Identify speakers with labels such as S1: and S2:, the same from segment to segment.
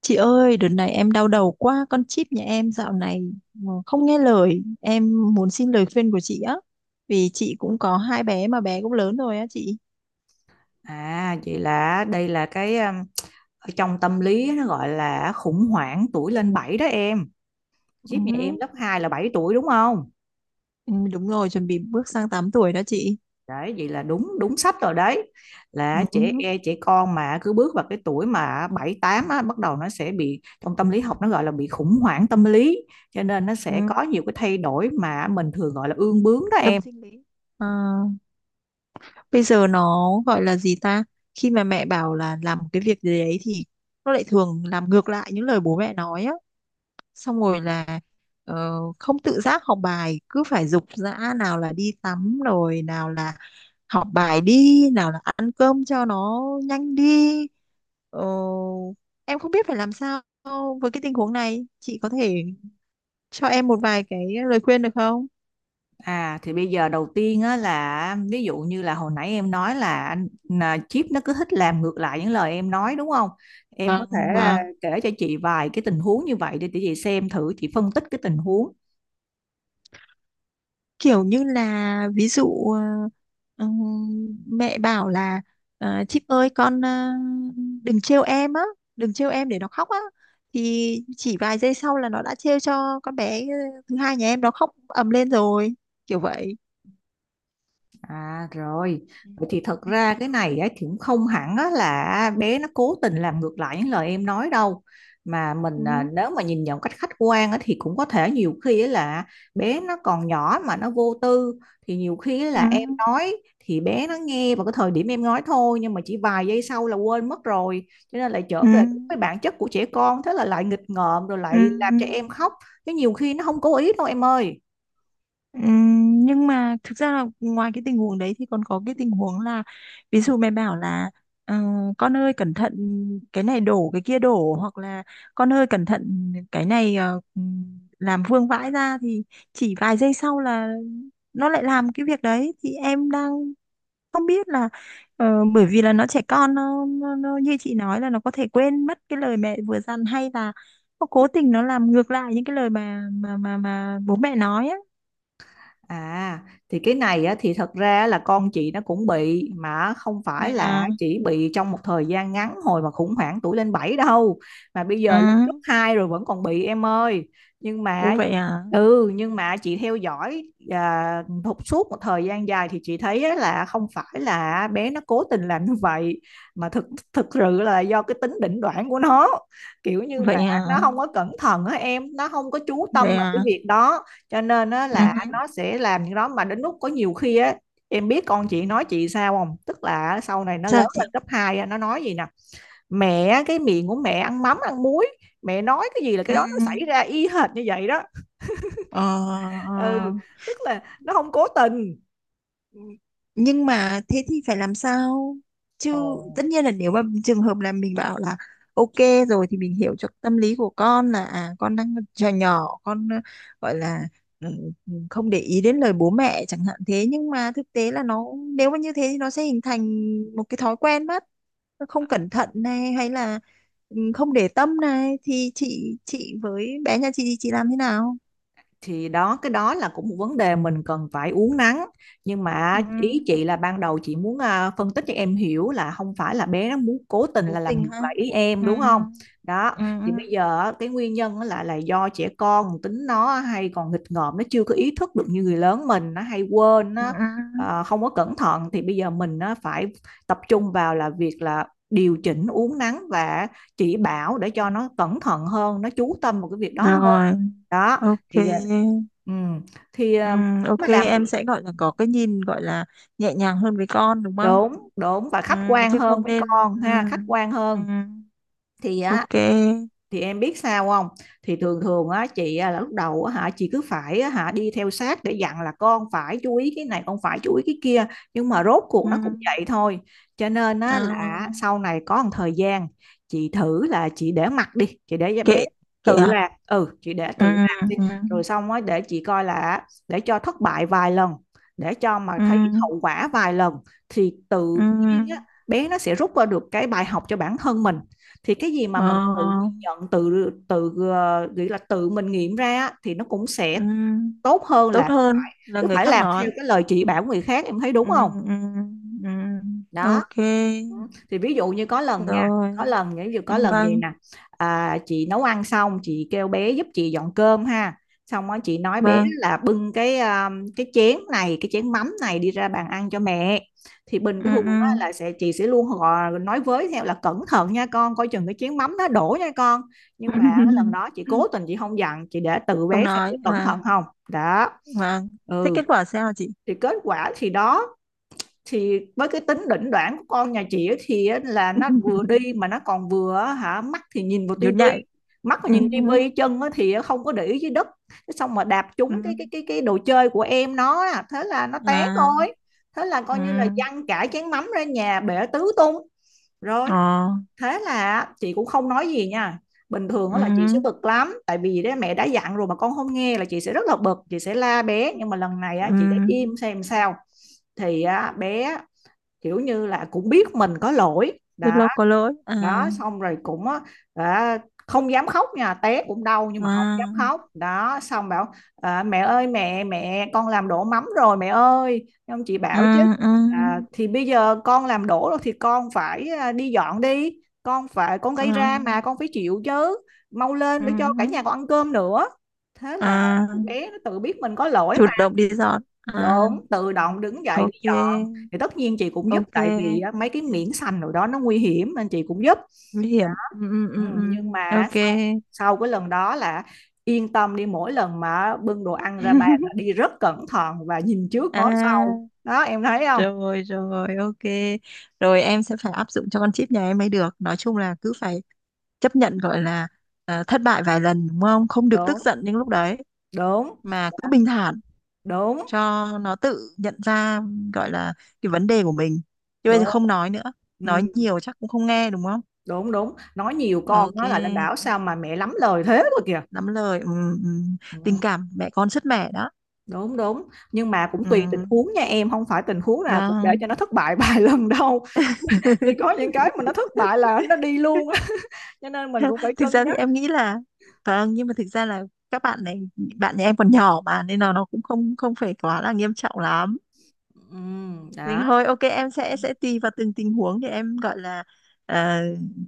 S1: Chị ơi, đợt này em đau đầu quá, con Chip nhà em dạo này không nghe lời. Em muốn xin lời khuyên của chị á. Vì chị cũng có hai bé mà bé cũng lớn rồi á chị.
S2: À, vậy là đây là cái ở trong tâm lý nó gọi là khủng hoảng tuổi lên 7 đó em. Chiếc nhà em
S1: Ừ,
S2: lớp 2 là 7 tuổi đúng không?
S1: ừ, đúng rồi, chuẩn bị bước sang 8 tuổi đó chị.
S2: Đấy, vậy là đúng đúng sách rồi đấy. Là
S1: Ừ,
S2: trẻ con mà cứ bước vào cái tuổi mà 7 8 á bắt đầu nó sẽ bị trong tâm lý học nó gọi là bị khủng hoảng tâm lý. Cho nên nó sẽ
S1: ừ,
S2: có nhiều cái thay đổi mà mình thường gọi là ương bướng đó
S1: tâm
S2: em.
S1: sinh lý. Ờ, Bây giờ nó gọi là gì ta? Khi mà mẹ bảo là làm một cái việc gì đấy thì nó lại thường làm ngược lại những lời bố mẹ nói á. Xong rồi là không tự giác học bài, cứ phải giục giã, nào là đi tắm, rồi nào là học bài đi, nào là ăn cơm cho nó nhanh đi. Ờ, em không biết phải làm sao với cái tình huống này, chị có thể cho em một vài cái lời khuyên được không?
S2: À thì bây giờ đầu tiên á là ví dụ như là hồi nãy em nói là anh là Chip nó cứ thích làm ngược lại những lời em nói đúng không? Em có
S1: Vâng,
S2: thể
S1: vâng,
S2: kể cho chị vài cái tình huống như vậy để chị xem thử chị phân tích cái tình huống.
S1: kiểu như là, ví dụ ừm, mẹ bảo là "Chip ơi, con đừng trêu em á, đừng trêu em để nó khóc á", thì chỉ vài giây sau là nó đã trêu cho con bé, thứ hai nhà em, nó khóc ầm lên rồi. Kiểu vậy.
S2: À rồi,
S1: Ừ.
S2: vậy thì thật ra cái này á, thì cũng không hẳn á, là bé nó cố tình làm ngược lại những lời em nói đâu. Mà mình à,
S1: Ừ.
S2: nếu mà nhìn nhận cách khách quan á, thì cũng có thể nhiều khi á, là bé nó còn nhỏ mà nó vô tư. Thì nhiều khi á,
S1: Ừ.
S2: là em nói thì bé nó nghe vào cái thời điểm em nói thôi. Nhưng mà chỉ vài giây sau là quên mất rồi. Cho nên lại trở về đúng cái bản chất của trẻ con. Thế là lại nghịch ngợm rồi
S1: Ừ.
S2: lại làm
S1: Ừ.
S2: cho em khóc. Chứ nhiều khi nó không cố ý đâu em ơi.
S1: Nhưng mà thực ra là ngoài cái tình huống đấy thì còn có cái tình huống là, ví dụ mẹ bảo là "Ờ, con ơi cẩn thận, cái này đổ, cái kia đổ", hoặc là "Con ơi cẩn thận cái này làm vương vãi ra", thì chỉ vài giây sau là nó lại làm cái việc đấy. Thì em đang không biết là bởi vì là nó trẻ con, nó như chị nói là nó có thể quên mất cái lời mẹ vừa dặn, hay là nó cố tình nó làm ngược lại những cái lời mà bố mẹ nói á.
S2: À, thì cái này á, thì thật ra là con chị nó cũng bị mà không phải
S1: Rồi
S2: là
S1: à,
S2: chỉ bị trong một thời gian ngắn hồi mà khủng hoảng tuổi lên 7 đâu, mà bây
S1: ừ,
S2: giờ lên cấp 2 rồi vẫn còn bị em ơi. Nhưng
S1: ủa
S2: mà
S1: vậy à,
S2: ừ, nhưng mà chị theo dõi à, suốt một thời gian dài thì chị thấy á, là không phải là bé nó cố tình làm như vậy mà thực thực sự là do cái tính đỉnh đoạn của nó, kiểu như mà
S1: vậy à,
S2: nó không có cẩn thận á, em, nó không có chú tâm
S1: vậy
S2: vào
S1: à,
S2: cái việc đó, cho nên á
S1: ừ,
S2: là
S1: hứ.
S2: nó sẽ làm những đó mà đến lúc có nhiều khi á, em biết con chị nói chị sao không, tức là sau này nó lớn
S1: Sao chị,
S2: lên cấp 2 á, nó nói gì nè: mẹ cái miệng của mẹ ăn mắm ăn muối, mẹ nói cái gì là cái
S1: ừ,
S2: đó nó xảy ra y hệt như vậy đó.
S1: ờ,
S2: Ừ,
S1: ờ.
S2: tức là nó không cố tình.
S1: Nhưng mà thế thì phải làm sao chứ?
S2: Ồ.
S1: Tất nhiên là nếu mà trường hợp là mình bảo là ok rồi thì mình hiểu cho tâm lý của con là à, con đang trò nhỏ, con gọi là ừ, ừ, không để ý đến lời bố mẹ chẳng hạn. Thế nhưng mà thực tế là nó, nếu mà như thế thì nó sẽ hình thành một cái thói quen mất. Nó không cẩn thận này, hay là ừ, không để tâm này, thì chị với bé nhà chị thì chị làm thế nào?
S2: Thì đó cái đó là cũng một vấn đề mình cần phải uốn nắn, nhưng mà
S1: Ừ,
S2: ý chị là ban đầu chị muốn phân tích cho em hiểu là không phải là bé nó muốn cố tình
S1: cố
S2: là làm
S1: tình
S2: ngược
S1: ha,
S2: lại ý em
S1: ừ,
S2: đúng không. Đó
S1: ừ, ừ,
S2: thì bây giờ á, cái nguyên nhân á là do trẻ con tính nó hay còn nghịch ngợm, nó chưa có ý thức được như người lớn mình, nó hay quên,
S1: ừ.
S2: nó
S1: Ừ.
S2: không có cẩn thận, thì bây giờ mình nó phải tập trung vào là việc là điều chỉnh uốn nắn và chỉ bảo để cho nó cẩn thận hơn, nó chú tâm vào cái việc đó hơn.
S1: Rồi,
S2: Đó
S1: ok.
S2: thì giờ thì
S1: Ừ, ok,
S2: mới làm
S1: em sẽ gọi là có cái nhìn, gọi là nhẹ nhàng hơn với con đúng không?
S2: đúng, đúng và
S1: Ừ,
S2: khách quan
S1: chứ
S2: hơn
S1: không
S2: với
S1: nên,
S2: con
S1: ừ,
S2: ha, khách quan
S1: ừ,
S2: hơn thì á.
S1: ok.
S2: Thì em biết sao không, thì thường thường á chị á, là lúc đầu á hả chị cứ phải á, hả đi theo sát để dặn là con phải chú ý cái này, con phải chú ý cái kia, nhưng mà rốt cuộc
S1: Ừ,
S2: nó cũng vậy thôi. Cho nên
S1: ờ,
S2: á là sau này có một thời gian chị thử là chị để mặc đi, chị để bé
S1: kệ, kệ
S2: tự
S1: à?
S2: làm. Ừ, chị để tự
S1: Ừ,
S2: làm đi
S1: ừ,
S2: rồi xong á để chị coi, là để cho thất bại vài lần, để cho mà
S1: ừ,
S2: thấy hậu quả vài lần thì tự nhiên á
S1: ừ,
S2: bé nó sẽ rút ra được cái bài học cho bản thân mình. Thì cái gì mà
S1: ờ,
S2: mình tự nhận, tự tự ờ, nghĩ là tự mình nghiệm ra á, thì nó cũng sẽ
S1: ừ,
S2: tốt hơn
S1: tốt
S2: là
S1: hơn là
S2: cứ
S1: người
S2: phải
S1: khác
S2: làm theo
S1: nói.
S2: cái lời chỉ bảo người khác, em thấy
S1: Ừ,
S2: đúng không.
S1: ừ, ừ,
S2: Đó
S1: ok,
S2: thì ví dụ như có lần nha,
S1: rồi.
S2: có lần ví dụ
S1: Ừ,
S2: có lần gì
S1: vâng,
S2: nè, chị nấu ăn xong chị kêu bé giúp chị dọn cơm ha. Xong đó chị nói bé
S1: vâng.
S2: là bưng cái chén này, cái chén mắm này đi ra bàn ăn cho mẹ. Thì bình
S1: Ừ,
S2: thường á,
S1: ừ.
S2: là sẽ chị sẽ luôn gọi, nói với theo là cẩn thận nha con, coi chừng cái chén mắm nó đổ nha con. Nhưng mà cái lần đó chị cố tình chị không dặn, chị để tự
S1: Không
S2: bé sẽ
S1: nói.
S2: cẩn
S1: À.
S2: thận không đó.
S1: Vâng. Thế
S2: Ừ,
S1: kết quả sao chị?
S2: thì kết quả thì đó, thì với cái tính đỉnh đoản của con nhà chị ấy thì là nó vừa đi mà nó còn vừa hả mắt thì nhìn vào tivi,
S1: Nhún nhảy.
S2: mắt thì
S1: Ừ.
S2: nhìn tivi chân thì không có để ý dưới đất. Thế xong mà đạp
S1: Ừ.
S2: trúng cái đồ chơi của em nó á, thế là nó té
S1: À.
S2: thôi. Thế là
S1: Ừ.
S2: coi như là văng cả chén mắm ra nhà, bể tứ tung rồi.
S1: Ờ.
S2: Thế là chị cũng không nói gì nha. Bình thường
S1: Ừ.
S2: á là chị sẽ bực lắm, tại vì đấy mẹ đã dặn rồi mà con không nghe là chị sẽ rất là bực, chị sẽ la bé, nhưng mà lần này á, chị đã
S1: Ừ.
S2: im xem sao. Thì á, bé kiểu như là cũng biết mình có lỗi
S1: Rất
S2: đó.
S1: lâu có lỗi. À.
S2: Đó xong rồi cũng á, đã không dám khóc nha, té cũng đau nhưng mà không dám
S1: À.
S2: khóc đó, xong bảo à, mẹ ơi, mẹ mẹ con làm đổ mắm rồi mẹ ơi. Ông chị
S1: Ừ.
S2: bảo chứ
S1: Ừ.
S2: à, thì bây giờ con làm đổ rồi thì con phải à, đi dọn đi, con phải, con gây
S1: À.
S2: ra mà con phải chịu chứ, mau lên
S1: Ừ.
S2: để cho cả nhà con ăn cơm nữa. Thế là
S1: À.
S2: bé nó tự biết mình có lỗi,
S1: Chủ động đi dọn. À.
S2: đúng, tự động đứng dậy đi
S1: Ok.
S2: dọn. Thì tất nhiên chị cũng giúp,
S1: Ok.
S2: tại vì á, mấy cái miếng xanh rồi đó nó nguy hiểm nên chị cũng giúp.
S1: Nguy hiểm. Ừ. Ừ.
S2: Ừ,
S1: Ừ. Ừ.
S2: nhưng mà
S1: Ok.
S2: sau sau cái lần đó là yên tâm đi, mỗi lần mà bưng đồ ăn ra bàn là đi rất cẩn thận và nhìn trước ngó sau
S1: À.
S2: đó, em thấy không.
S1: Rồi rồi ok. Rồi em sẽ phải áp dụng cho con Chip nhà em mới được. Nói chung là cứ phải chấp nhận, gọi là thất bại vài lần đúng không? Không được tức
S2: Đúng,
S1: giận những lúc đấy
S2: đúng,
S1: mà cứ bình thản
S2: đúng,
S1: cho nó tự nhận ra, gọi là cái vấn đề của mình. Chứ bây giờ
S2: đúng.
S1: không nói nữa.
S2: Ừ,
S1: Nói nhiều chắc cũng không nghe đúng không?
S2: đúng đúng, nói nhiều con
S1: Ok,
S2: nói lại là bảo sao mà mẹ lắm lời thế rồi kìa.
S1: lắm lời. Ừ, ừ. Tình
S2: Ừ,
S1: cảm mẹ con sứt mẻ đó.
S2: đúng đúng, nhưng mà cũng
S1: Ừ,
S2: tùy tình huống nha em, không phải tình huống nào cũng để cho
S1: vâng.
S2: nó thất bại vài lần đâu. Thì có những cái mà nó thất bại là nó đi luôn á, cho nên mình cũng phải
S1: Thực
S2: cân
S1: ra thì
S2: nhắc.
S1: em nghĩ là, vâng, nhưng mà thực ra là các bạn này, bạn nhà em còn nhỏ mà nên là nó cũng không không phải quá là nghiêm trọng lắm.
S2: Ừ,
S1: Nhưng
S2: đó.
S1: thôi ok, em sẽ tùy vào từng tình huống để em, gọi là ờ,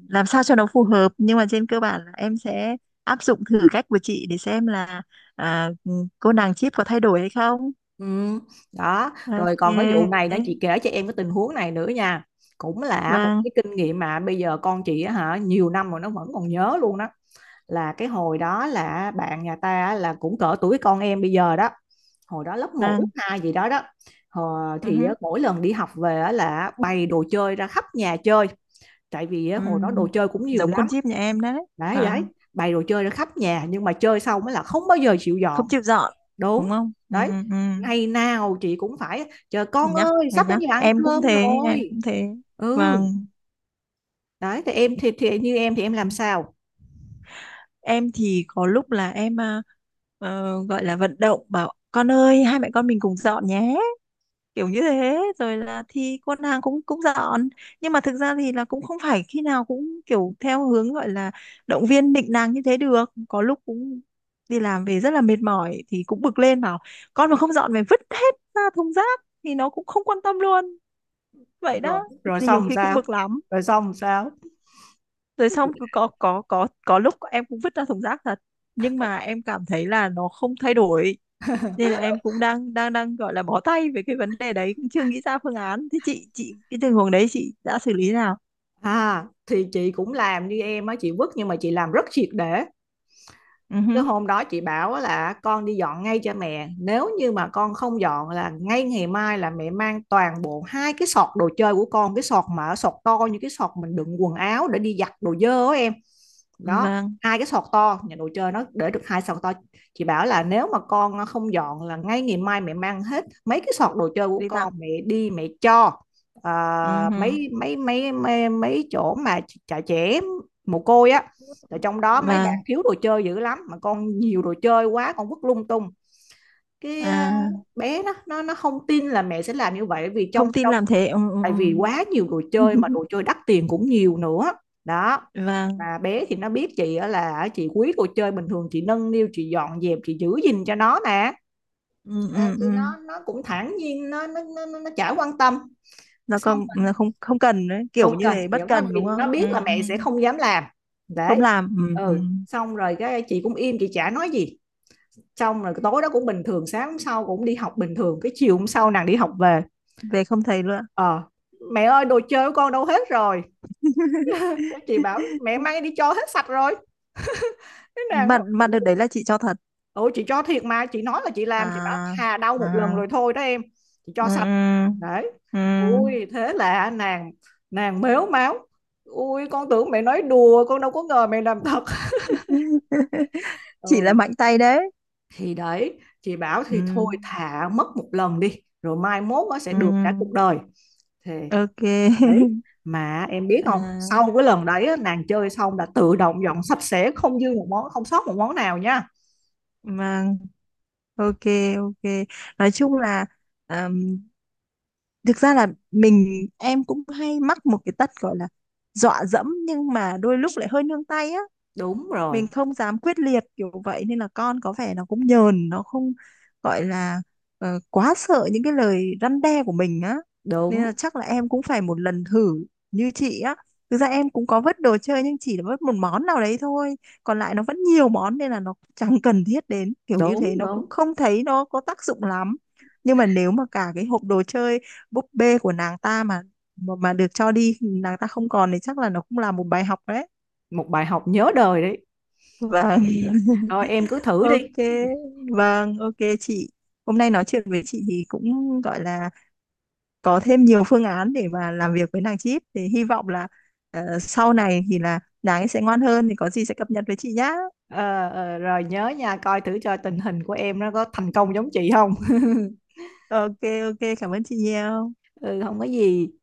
S1: làm sao cho nó phù hợp. Nhưng mà trên cơ bản là em sẽ áp dụng thử cách của chị để xem là à, cô nàng Chip có thay đổi hay không.
S2: Ừ, đó rồi
S1: Ok,
S2: còn cái vụ này đó, chị kể cho em cái tình huống này nữa nha, cũng là một
S1: vâng,
S2: cái kinh nghiệm mà bây giờ con chị á hả, nhiều năm rồi nó vẫn còn nhớ luôn đó. Là cái hồi đó là bạn nhà ta á, là cũng cỡ tuổi con em bây giờ đó, hồi đó lớp một lớp
S1: vâng,
S2: hai gì đó đó. Ờ,
S1: ừ
S2: thì á,
S1: hứ.
S2: mỗi lần đi học về á là bày đồ chơi ra khắp nhà chơi, tại vì á, hồi đó đồ
S1: Ừm,
S2: chơi cũng nhiều
S1: giống con
S2: lắm.
S1: Chip nhà em đấy.
S2: Đấy đấy,
S1: Vâng,
S2: bày đồ chơi ra khắp nhà nhưng mà chơi xong mới là không bao giờ chịu
S1: không
S2: dọn.
S1: chịu dọn,
S2: Đúng
S1: đúng không, ừ,
S2: đấy,
S1: ừ,
S2: ngày nào chị cũng phải chờ,
S1: phải
S2: con
S1: nhắc,
S2: ơi
S1: phải
S2: sắp đến
S1: nhắc,
S2: giờ ăn
S1: em cũng
S2: cơm
S1: thế, em
S2: rồi.
S1: cũng thế.
S2: Ừ,
S1: Và
S2: đấy thì em thì, như em thì em làm sao?
S1: em thì có lúc là em, à, gọi là vận động bảo con ơi, hai mẹ con mình cùng dọn nhé, kiểu như thế, rồi là thì con nàng cũng cũng dọn. Nhưng mà thực ra thì là cũng không phải khi nào cũng kiểu theo hướng gọi là động viên nịnh nàng như thế được. Có lúc cũng đi làm về rất là mệt mỏi thì cũng bực lên bảo con mà không dọn, mày vứt hết ra thùng rác, thì nó cũng không quan tâm luôn, vậy đó. Nên
S2: Rồi
S1: là nhiều
S2: xong
S1: khi cũng
S2: sao?
S1: bực lắm,
S2: Rồi xong sao?
S1: rồi xong cứ có có lúc em cũng vứt ra thùng rác thật. Nhưng mà em cảm thấy là nó không thay đổi, nên là em cũng đang đang đang gọi là bó tay về cái vấn đề đấy, cũng chưa nghĩ ra phương án. Thế chị cái tình huống đấy chị đã xử lý nào?
S2: À thì chị cũng làm như em á, chị vứt, nhưng mà chị làm rất triệt để.
S1: Ừ
S2: Cái
S1: hứ,
S2: hôm đó chị bảo là con đi dọn ngay cho mẹ, nếu như mà con không dọn là ngay ngày mai là mẹ mang toàn bộ hai cái sọt đồ chơi của con, cái sọt mà sọt to như cái sọt mình đựng quần áo để đi giặt đồ dơ đó em. Đó,
S1: vâng,
S2: hai cái sọt to nhà đồ chơi nó để được hai sọt to. Chị bảo là nếu mà con không dọn là ngay ngày mai mẹ mang hết mấy cái sọt đồ chơi của
S1: đi tặng.
S2: con mẹ đi mẹ cho à,
S1: Ừ hứ,
S2: mấy mấy mấy mấy mấy chỗ mà trại trẻ mồ côi á, rồi trong đó mấy bạn
S1: vâng,
S2: thiếu đồ chơi dữ lắm mà con nhiều đồ chơi quá con vứt lung tung. Cái à,
S1: à,
S2: bé nó không tin là mẹ sẽ làm như vậy vì trong,
S1: không tin làm thế, ừ, ừ,
S2: tại vì quá nhiều đồ
S1: ừ.
S2: chơi mà đồ chơi đắt tiền cũng nhiều nữa đó.
S1: Vâng,
S2: Mà bé thì nó biết chị á, là chị quý đồ chơi, bình thường chị nâng niu chị dọn dẹp chị giữ gìn cho nó nè.
S1: ừ,
S2: Ờ,
S1: ừ,
S2: thì
S1: ừ.
S2: nó cũng thản nhiên, nó chả quan tâm. Xong rồi,
S1: Nó không không cần đấy, kiểu
S2: không
S1: như
S2: cần
S1: thế,
S2: kiểu
S1: bất
S2: nó,
S1: cần
S2: vì
S1: đúng
S2: nó
S1: không, ừ,
S2: biết là
S1: ừ.
S2: mẹ sẽ không dám làm.
S1: Không
S2: Đấy,
S1: làm, ừ, ừ.
S2: ừ, xong rồi cái chị cũng im, chị chả nói gì. Xong rồi tối đó cũng bình thường, sáng hôm sau cũng đi học bình thường, cái chiều hôm sau nàng đi học về.
S1: Về không thấy luôn.
S2: Ờ, mẹ ơi đồ chơi của con đâu hết rồi, chị bảo mẹ may đi cho hết sạch rồi. Thế nàng
S1: mà
S2: bảo,
S1: mà đợt đấy là chị cho thật
S2: ừ chị cho thiệt mà, chị nói là chị làm. Chị bảo
S1: à?
S2: thà đau một lần
S1: À,
S2: rồi thôi đó em, chị
S1: ừ,
S2: cho sạch. Đấy,
S1: ừ, ừ.
S2: ui thế là nàng, nàng mếu máo, ui con tưởng mẹ nói đùa con đâu có ngờ mẹ làm thật.
S1: Chị là
S2: Ừ,
S1: mạnh tay đấy.
S2: thì đấy chị bảo
S1: Ừ,
S2: thì thôi thà mất một lần đi rồi mai mốt nó sẽ được cả cuộc
S1: ừ,
S2: đời thì
S1: ok.
S2: đấy. Mà em biết không,
S1: À,
S2: sau cái lần đấy á, nàng chơi xong là tự động dọn sạch sẽ, không dư một món không sót một món nào nha.
S1: vâng, ok, ok. Nói chung là ờm, thực ra là mình, em cũng hay mắc một cái tật, gọi là dọa dẫm, nhưng mà đôi lúc lại hơi nương tay á,
S2: Đúng rồi,
S1: mình không dám quyết liệt kiểu vậy, nên là con có vẻ nó cũng nhờn, nó không, gọi là quá sợ những cái lời răn đe của mình á. Nên là
S2: đúng,
S1: chắc là em cũng phải một lần thử như chị á. Thực ra em cũng có vứt đồ chơi, nhưng chỉ là vứt một món nào đấy thôi, còn lại nó vẫn nhiều món nên là nó chẳng cần thiết đến, kiểu như
S2: đúng,
S1: thế, nó cũng
S2: đúng.
S1: không thấy nó có tác dụng lắm. Nhưng mà nếu mà cả cái hộp đồ chơi búp bê của nàng ta mà mà được cho đi, nàng ta không còn, thì chắc là nó cũng là một bài học đấy.
S2: Một bài học nhớ đời đấy.
S1: Vâng.
S2: Rồi em cứ thử đi.
S1: Ok, vâng, ok chị. Hôm nay nói chuyện với chị thì cũng gọi là có thêm nhiều phương án để mà làm việc với nàng Chip. Thì hy vọng là sau này thì là nàng ấy sẽ ngoan hơn, thì có gì sẽ cập nhật với chị nhá.
S2: Ờ, ờ, rồi nhớ nha, coi thử cho tình hình của em nó có thành công giống chị không.
S1: Ok, ok, cảm ơn chị nhiều.
S2: Ừ, không có gì.